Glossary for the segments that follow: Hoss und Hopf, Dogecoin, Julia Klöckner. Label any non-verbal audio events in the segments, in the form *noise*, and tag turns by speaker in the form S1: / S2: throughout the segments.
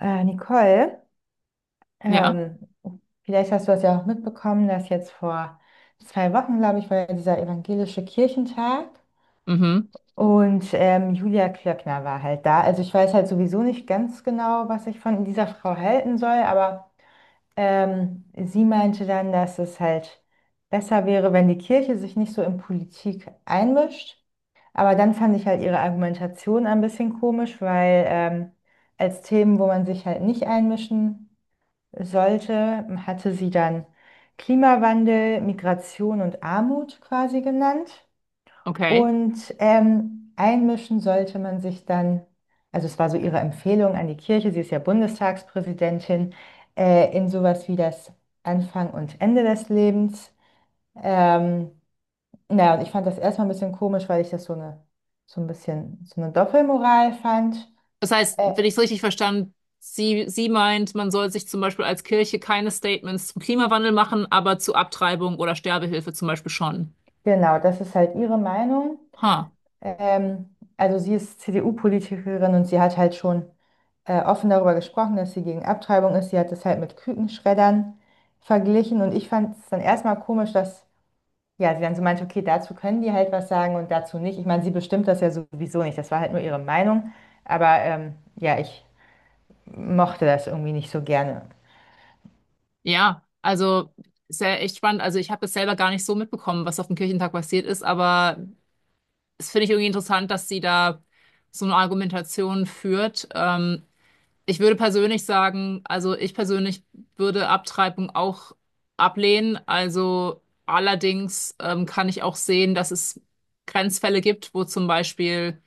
S1: Nicole,
S2: Ja,
S1: ähm, vielleicht hast du das ja auch mitbekommen, dass jetzt vor 2 Wochen, glaube ich, war ja dieser evangelische Kirchentag
S2: mhm,
S1: und Julia Klöckner war halt da. Also ich weiß halt sowieso nicht ganz genau, was ich von dieser Frau halten soll, aber sie meinte dann, dass es halt besser wäre, wenn die Kirche sich nicht so in Politik einmischt. Aber dann fand ich halt ihre Argumentation ein bisschen komisch, weil als Themen, wo man sich halt nicht einmischen sollte, hatte sie dann Klimawandel, Migration und Armut quasi genannt.
S2: okay.
S1: Und einmischen sollte man sich dann, also es war so ihre Empfehlung an die Kirche, sie ist ja Bundestagspräsidentin, in sowas wie das Anfang und Ende des Lebens. Ähm, naja, und ich fand das erstmal ein bisschen komisch, weil ich das so eine, so ein bisschen, so eine Doppelmoral fand.
S2: Das heißt,
S1: Äh,
S2: wenn ich es richtig verstanden, sie meint, man soll sich zum Beispiel als Kirche keine Statements zum Klimawandel machen, aber zu Abtreibung oder Sterbehilfe zum Beispiel schon.
S1: genau, das ist halt ihre Meinung.
S2: Ha,
S1: Also sie ist CDU-Politikerin und sie hat halt schon offen darüber gesprochen, dass sie gegen Abtreibung ist. Sie hat das halt mit Kükenschreddern verglichen und ich fand es dann erstmal komisch, dass ja, sie dann so meinte, okay, dazu können die halt was sagen und dazu nicht. Ich meine, sie bestimmt das ja sowieso nicht. Das war halt nur ihre Meinung. Aber ja, ich mochte das irgendwie nicht so gerne.
S2: ja, also ist ja echt spannend. Also ich habe das selber gar nicht so mitbekommen, was auf dem Kirchentag passiert ist, aber es finde ich irgendwie interessant, dass sie da so eine Argumentation führt. Ich würde persönlich sagen, also ich persönlich würde Abtreibung auch ablehnen. Also allerdings kann ich auch sehen, dass es Grenzfälle gibt, wo zum Beispiel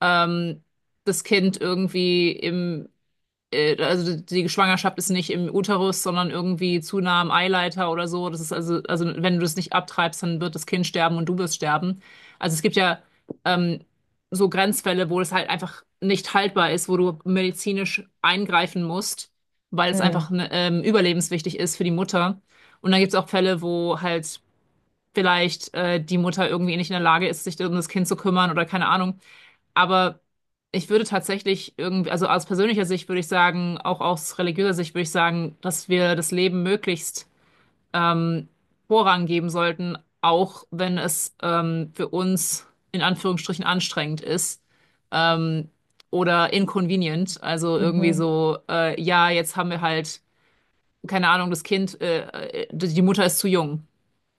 S2: ähm, das Kind irgendwie im also die Schwangerschaft ist nicht im Uterus, sondern irgendwie zu nah am Eileiter oder so. Also wenn du es nicht abtreibst, dann wird das Kind sterben und du wirst sterben. Also es gibt ja ähm, so Grenzfälle, wo es halt einfach nicht haltbar ist, wo du medizinisch eingreifen musst, weil es einfach
S1: Mm,
S2: ne, überlebenswichtig ist für die Mutter. Und dann gibt es auch Fälle, wo halt vielleicht die Mutter irgendwie nicht in der Lage ist, sich um das Kind zu kümmern oder keine Ahnung. Aber ich würde tatsächlich irgendwie, also aus persönlicher Sicht würde ich sagen, auch aus religiöser Sicht würde ich sagen, dass wir das Leben möglichst ähm, Vorrang geben sollten, auch wenn es für uns in Anführungsstrichen anstrengend ist ähm, oder inconvenient. Also irgendwie
S1: mhm.
S2: so, ja, jetzt haben wir halt, keine Ahnung, das Kind, die Mutter ist zu jung.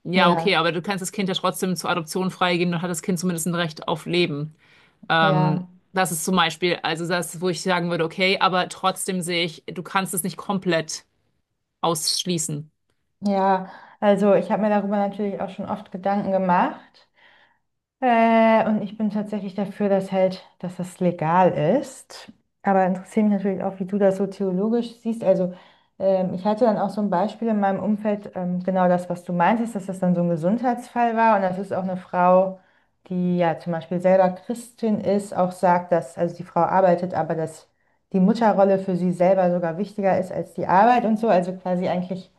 S2: Ja, okay,
S1: Ja,
S2: aber du kannst das Kind ja trotzdem zur Adoption freigeben, dann hat das Kind zumindest ein Recht auf Leben. Ähm,
S1: ja,
S2: das ist zum Beispiel, also das, wo ich sagen würde, okay, aber trotzdem sehe ich, du kannst es nicht komplett ausschließen.
S1: ja. Also ich habe mir darüber natürlich auch schon oft Gedanken gemacht. Und ich bin tatsächlich dafür, dass halt, dass das legal ist. Aber interessiert mich natürlich auch, wie du das so theologisch siehst. Also ich hatte dann auch so ein Beispiel in meinem Umfeld, genau das, was du meintest, dass das dann so ein Gesundheitsfall war. Und das ist auch eine Frau, die ja zum Beispiel selber Christin ist, auch sagt, dass, also die Frau arbeitet, aber dass die Mutterrolle für sie selber sogar wichtiger ist als die Arbeit und so. Also quasi eigentlich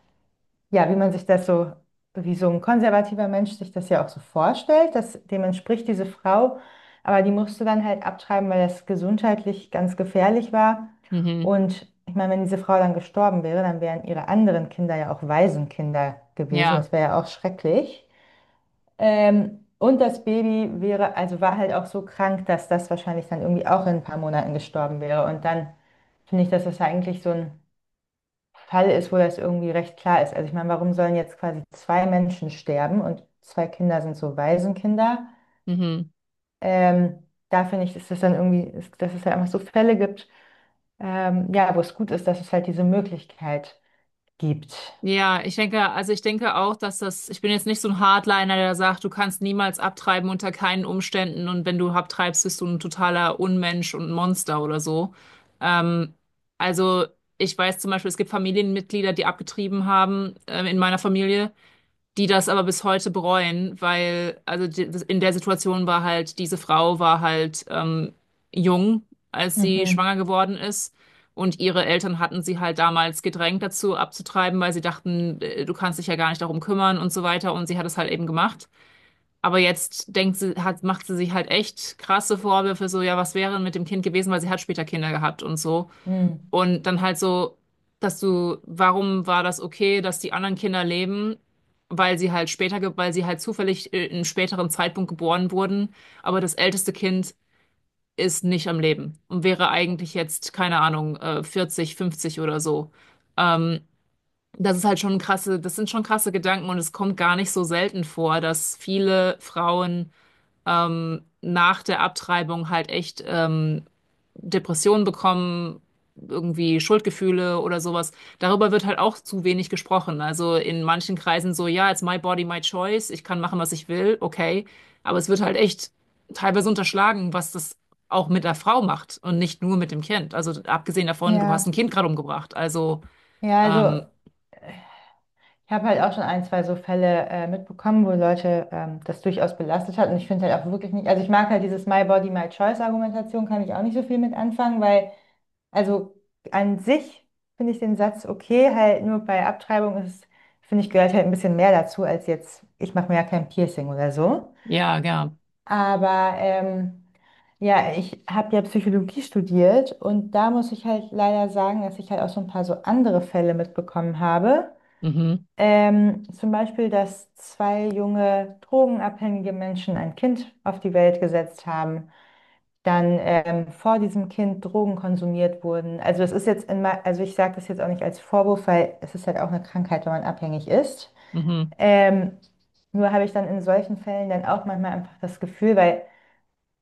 S1: ja, wie man sich das so, wie so ein konservativer Mensch sich das ja auch so vorstellt, dass dem entspricht diese Frau, aber die musste dann halt abtreiben, weil das gesundheitlich ganz gefährlich war.
S2: Mhm.
S1: Und ich meine, wenn diese Frau dann gestorben wäre, dann wären ihre anderen Kinder ja auch Waisenkinder gewesen.
S2: Ja.
S1: Das wäre ja auch schrecklich. Und das Baby wäre, also war halt auch so krank, dass das wahrscheinlich dann irgendwie auch in ein paar Monaten gestorben wäre. Und dann finde ich, dass das eigentlich so ein Fall ist, wo das irgendwie recht klar ist. Also ich meine, warum sollen jetzt quasi 2 Menschen sterben und 2 Kinder sind so Waisenkinder?
S2: Mhm.
S1: Ähm, da finde ich, ist das dann irgendwie, ist, dass es halt einfach so Fälle gibt, ja, wo es gut ist, dass es halt diese Möglichkeit gibt.
S2: Ja, ich denke, also ich denke auch, dass das, ich bin jetzt nicht so ein Hardliner, der sagt, du kannst niemals abtreiben unter keinen Umständen und wenn du abtreibst, bist du ein totaler Unmensch und ein Monster oder so. Ähm, also ich weiß zum Beispiel, es gibt Familienmitglieder, die abgetrieben haben, in meiner Familie. Die das aber bis heute bereuen, weil, also die, in der Situation war halt, diese Frau war halt jung, als sie
S1: Mhm.
S2: schwanger geworden ist. Und ihre Eltern hatten sie halt damals gedrängt dazu abzutreiben, weil sie dachten, du kannst dich ja gar nicht darum kümmern und so weiter. Und sie hat es halt eben gemacht. Aber jetzt denkt sie, hat, macht sie sich halt echt krasse Vorwürfe, so, ja, was wäre denn mit dem Kind gewesen, weil sie hat später Kinder gehabt und so.
S1: Mhm.
S2: Und dann halt so, dass du, warum war das okay, dass die anderen Kinder leben? Weil sie halt später, weil sie halt zufällig in einem späteren Zeitpunkt geboren wurden, aber das älteste Kind ist nicht am Leben und wäre eigentlich jetzt, keine Ahnung, 40, 50 oder so. Ähm, das ist halt schon krasse, das sind schon krasse Gedanken und es kommt gar nicht so selten vor, dass viele Frauen nach der Abtreibung halt echt Depressionen bekommen, irgendwie Schuldgefühle oder sowas. Darüber wird halt auch zu wenig gesprochen. Also in manchen Kreisen so, ja, it's my body, my choice, ich kann machen, was ich will, okay. Aber es wird halt echt teilweise unterschlagen, was das auch mit der Frau macht und nicht nur mit dem Kind. Also abgesehen davon, du hast ein
S1: Ja,
S2: Kind gerade umgebracht. Also
S1: ja,
S2: ähm,
S1: also ich habe halt auch schon 1, 2 so Fälle mitbekommen, wo Leute das durchaus belastet hat und ich finde halt auch wirklich nicht, also ich mag halt dieses My Body, My Choice Argumentation, kann ich auch nicht so viel mit anfangen, weil also an sich finde ich den Satz okay, halt nur bei Abtreibung ist, finde ich, gehört halt ein bisschen mehr dazu als jetzt, ich mache mir ja kein Piercing oder so.
S2: ja, ja.
S1: Aber ja, ich habe ja Psychologie studiert und da muss ich halt leider sagen, dass ich halt auch so ein paar so andere Fälle mitbekommen habe.
S2: Mhm,
S1: Zum Beispiel, dass 2 junge drogenabhängige Menschen ein Kind auf die Welt gesetzt haben dann vor diesem Kind Drogen konsumiert wurden. Also das ist jetzt in, also ich sage das jetzt auch nicht als Vorwurf, weil es ist halt auch eine Krankheit, wenn man abhängig ist.
S2: mhm,
S1: Ähm, nur habe ich dann in solchen Fällen dann auch manchmal einfach das Gefühl, weil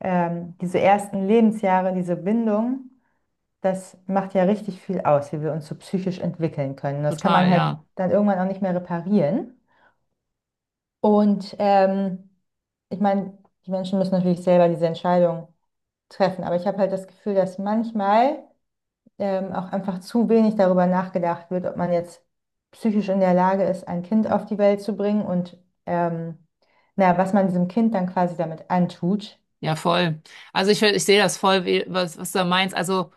S1: diese ersten Lebensjahre, diese Bindung, das macht ja richtig viel aus, wie wir uns so psychisch entwickeln können. Das kann
S2: total,
S1: man halt
S2: ja.
S1: dann irgendwann auch nicht mehr reparieren. Und ich meine, die Menschen müssen natürlich selber diese Entscheidung treffen, aber ich habe halt das Gefühl, dass manchmal auch einfach zu wenig darüber nachgedacht wird, ob man jetzt psychisch in der Lage ist, ein Kind auf die Welt zu bringen und ähm, na, was man diesem Kind dann quasi damit antut.
S2: Ja, voll. Also ich sehe das voll, was, was du da meinst. Also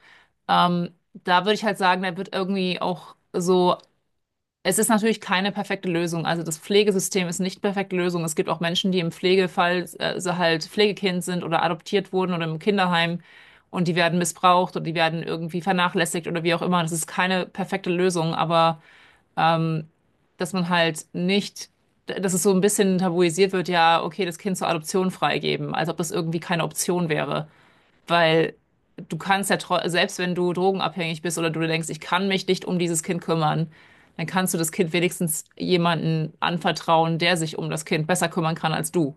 S2: da würde ich halt sagen, da wird irgendwie auch so Es ist natürlich keine perfekte Lösung. Also das Pflegesystem ist nicht perfekte Lösung. Es gibt auch Menschen, die im Pflegefall so halt Pflegekind sind oder adoptiert wurden oder im Kinderheim und die werden missbraucht oder die werden irgendwie vernachlässigt oder wie auch immer. Das ist keine perfekte Lösung, aber ähm, dass man halt nicht, dass es so ein bisschen tabuisiert wird, ja, okay, das Kind zur Adoption freigeben, als ob das irgendwie keine Option wäre. Weil du kannst ja, selbst wenn du drogenabhängig bist oder du dir denkst, ich kann mich nicht um dieses Kind kümmern, dann kannst du das Kind wenigstens jemanden anvertrauen, der sich um das Kind besser kümmern kann als du.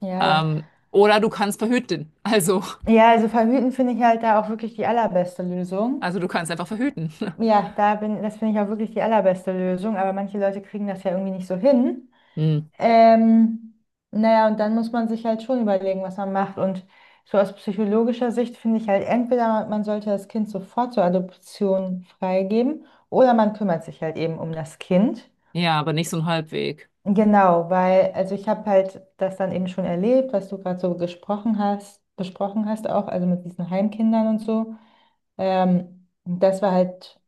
S1: Ja,
S2: Oder du kannst verhüten.
S1: ja, also verhüten finde ich halt da auch wirklich die allerbeste Lösung.
S2: Also du kannst einfach verhüten. *laughs*
S1: Ja, da bin, das finde ich auch wirklich die allerbeste Lösung, aber manche Leute kriegen das ja irgendwie nicht so hin.
S2: Hm.
S1: Ähm, naja, und dann muss man sich halt schon überlegen, was man macht. Und so aus psychologischer Sicht finde ich halt, entweder man sollte das Kind sofort zur Adoption freigeben oder man kümmert sich halt eben um das Kind.
S2: Ja, aber nicht so ein Halbweg.
S1: Genau, weil, also ich habe halt das dann eben schon erlebt, was du gerade so gesprochen hast, besprochen hast auch, also mit diesen Heimkindern und so. Und das war halt,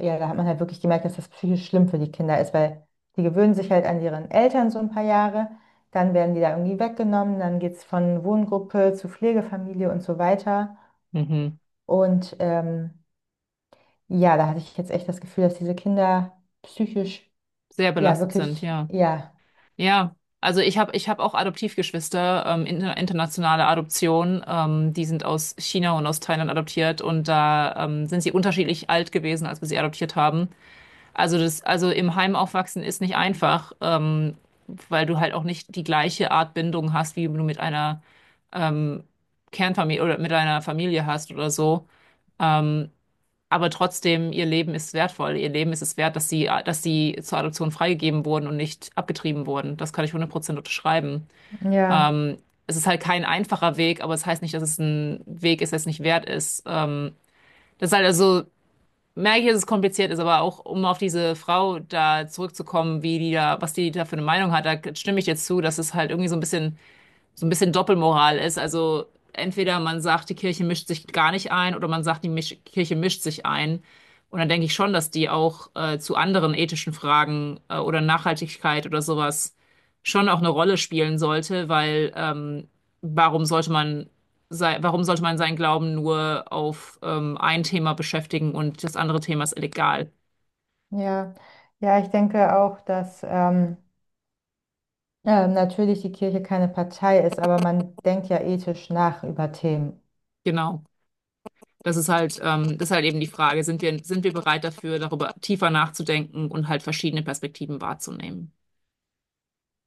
S1: ja, da hat man halt wirklich gemerkt, dass das psychisch schlimm für die Kinder ist, weil die gewöhnen sich halt an ihren Eltern so ein paar Jahre, dann werden die da irgendwie weggenommen, dann geht es von Wohngruppe zu Pflegefamilie und so weiter.
S2: Mhm.
S1: Und ja, da hatte ich jetzt echt das Gefühl, dass diese Kinder psychisch,
S2: Sehr
S1: ja,
S2: belastet sind,
S1: wirklich,
S2: ja.
S1: ja,
S2: Ja, also ich hab auch Adoptivgeschwister, internationale Adoption. Die sind aus China und aus Thailand adoptiert und da sind sie unterschiedlich alt gewesen, als wir sie adoptiert haben. Also das, also im Heim aufwachsen ist nicht einfach, weil du halt auch nicht die gleiche Art Bindung hast, wie du mit einer ähm, Kernfamilie oder mit einer Familie hast oder so. Ähm, aber trotzdem, ihr Leben ist wertvoll. Ihr Leben ist es wert, dass dass sie zur Adoption freigegeben wurden und nicht abgetrieben wurden. Das kann ich 100% unterschreiben.
S1: ja,
S2: Ähm, es ist halt kein einfacher Weg, aber es heißt nicht, dass es ein Weg ist, der es nicht wert ist. Das ist halt also, merke ich, dass es kompliziert ist, aber auch um auf diese Frau da zurückzukommen, wie die da, was die da für eine Meinung hat, da stimme ich jetzt zu, dass es halt irgendwie so ein bisschen Doppelmoral ist. Also entweder man sagt, die Kirche mischt sich gar nicht ein, oder man sagt, die Misch Kirche mischt sich ein. Und dann denke ich schon, dass die auch zu anderen ethischen Fragen, oder Nachhaltigkeit oder sowas schon auch eine Rolle spielen sollte, weil warum sollte warum sollte man seinen Glauben nur auf ein Thema beschäftigen und das andere Thema ist illegal?
S1: ja, ja, ich denke auch, dass natürlich die Kirche keine Partei ist, aber man denkt ja ethisch nach über Themen.
S2: Genau. Das ist halt eben die Frage, sind wir bereit dafür, darüber tiefer nachzudenken und halt verschiedene Perspektiven wahrzunehmen?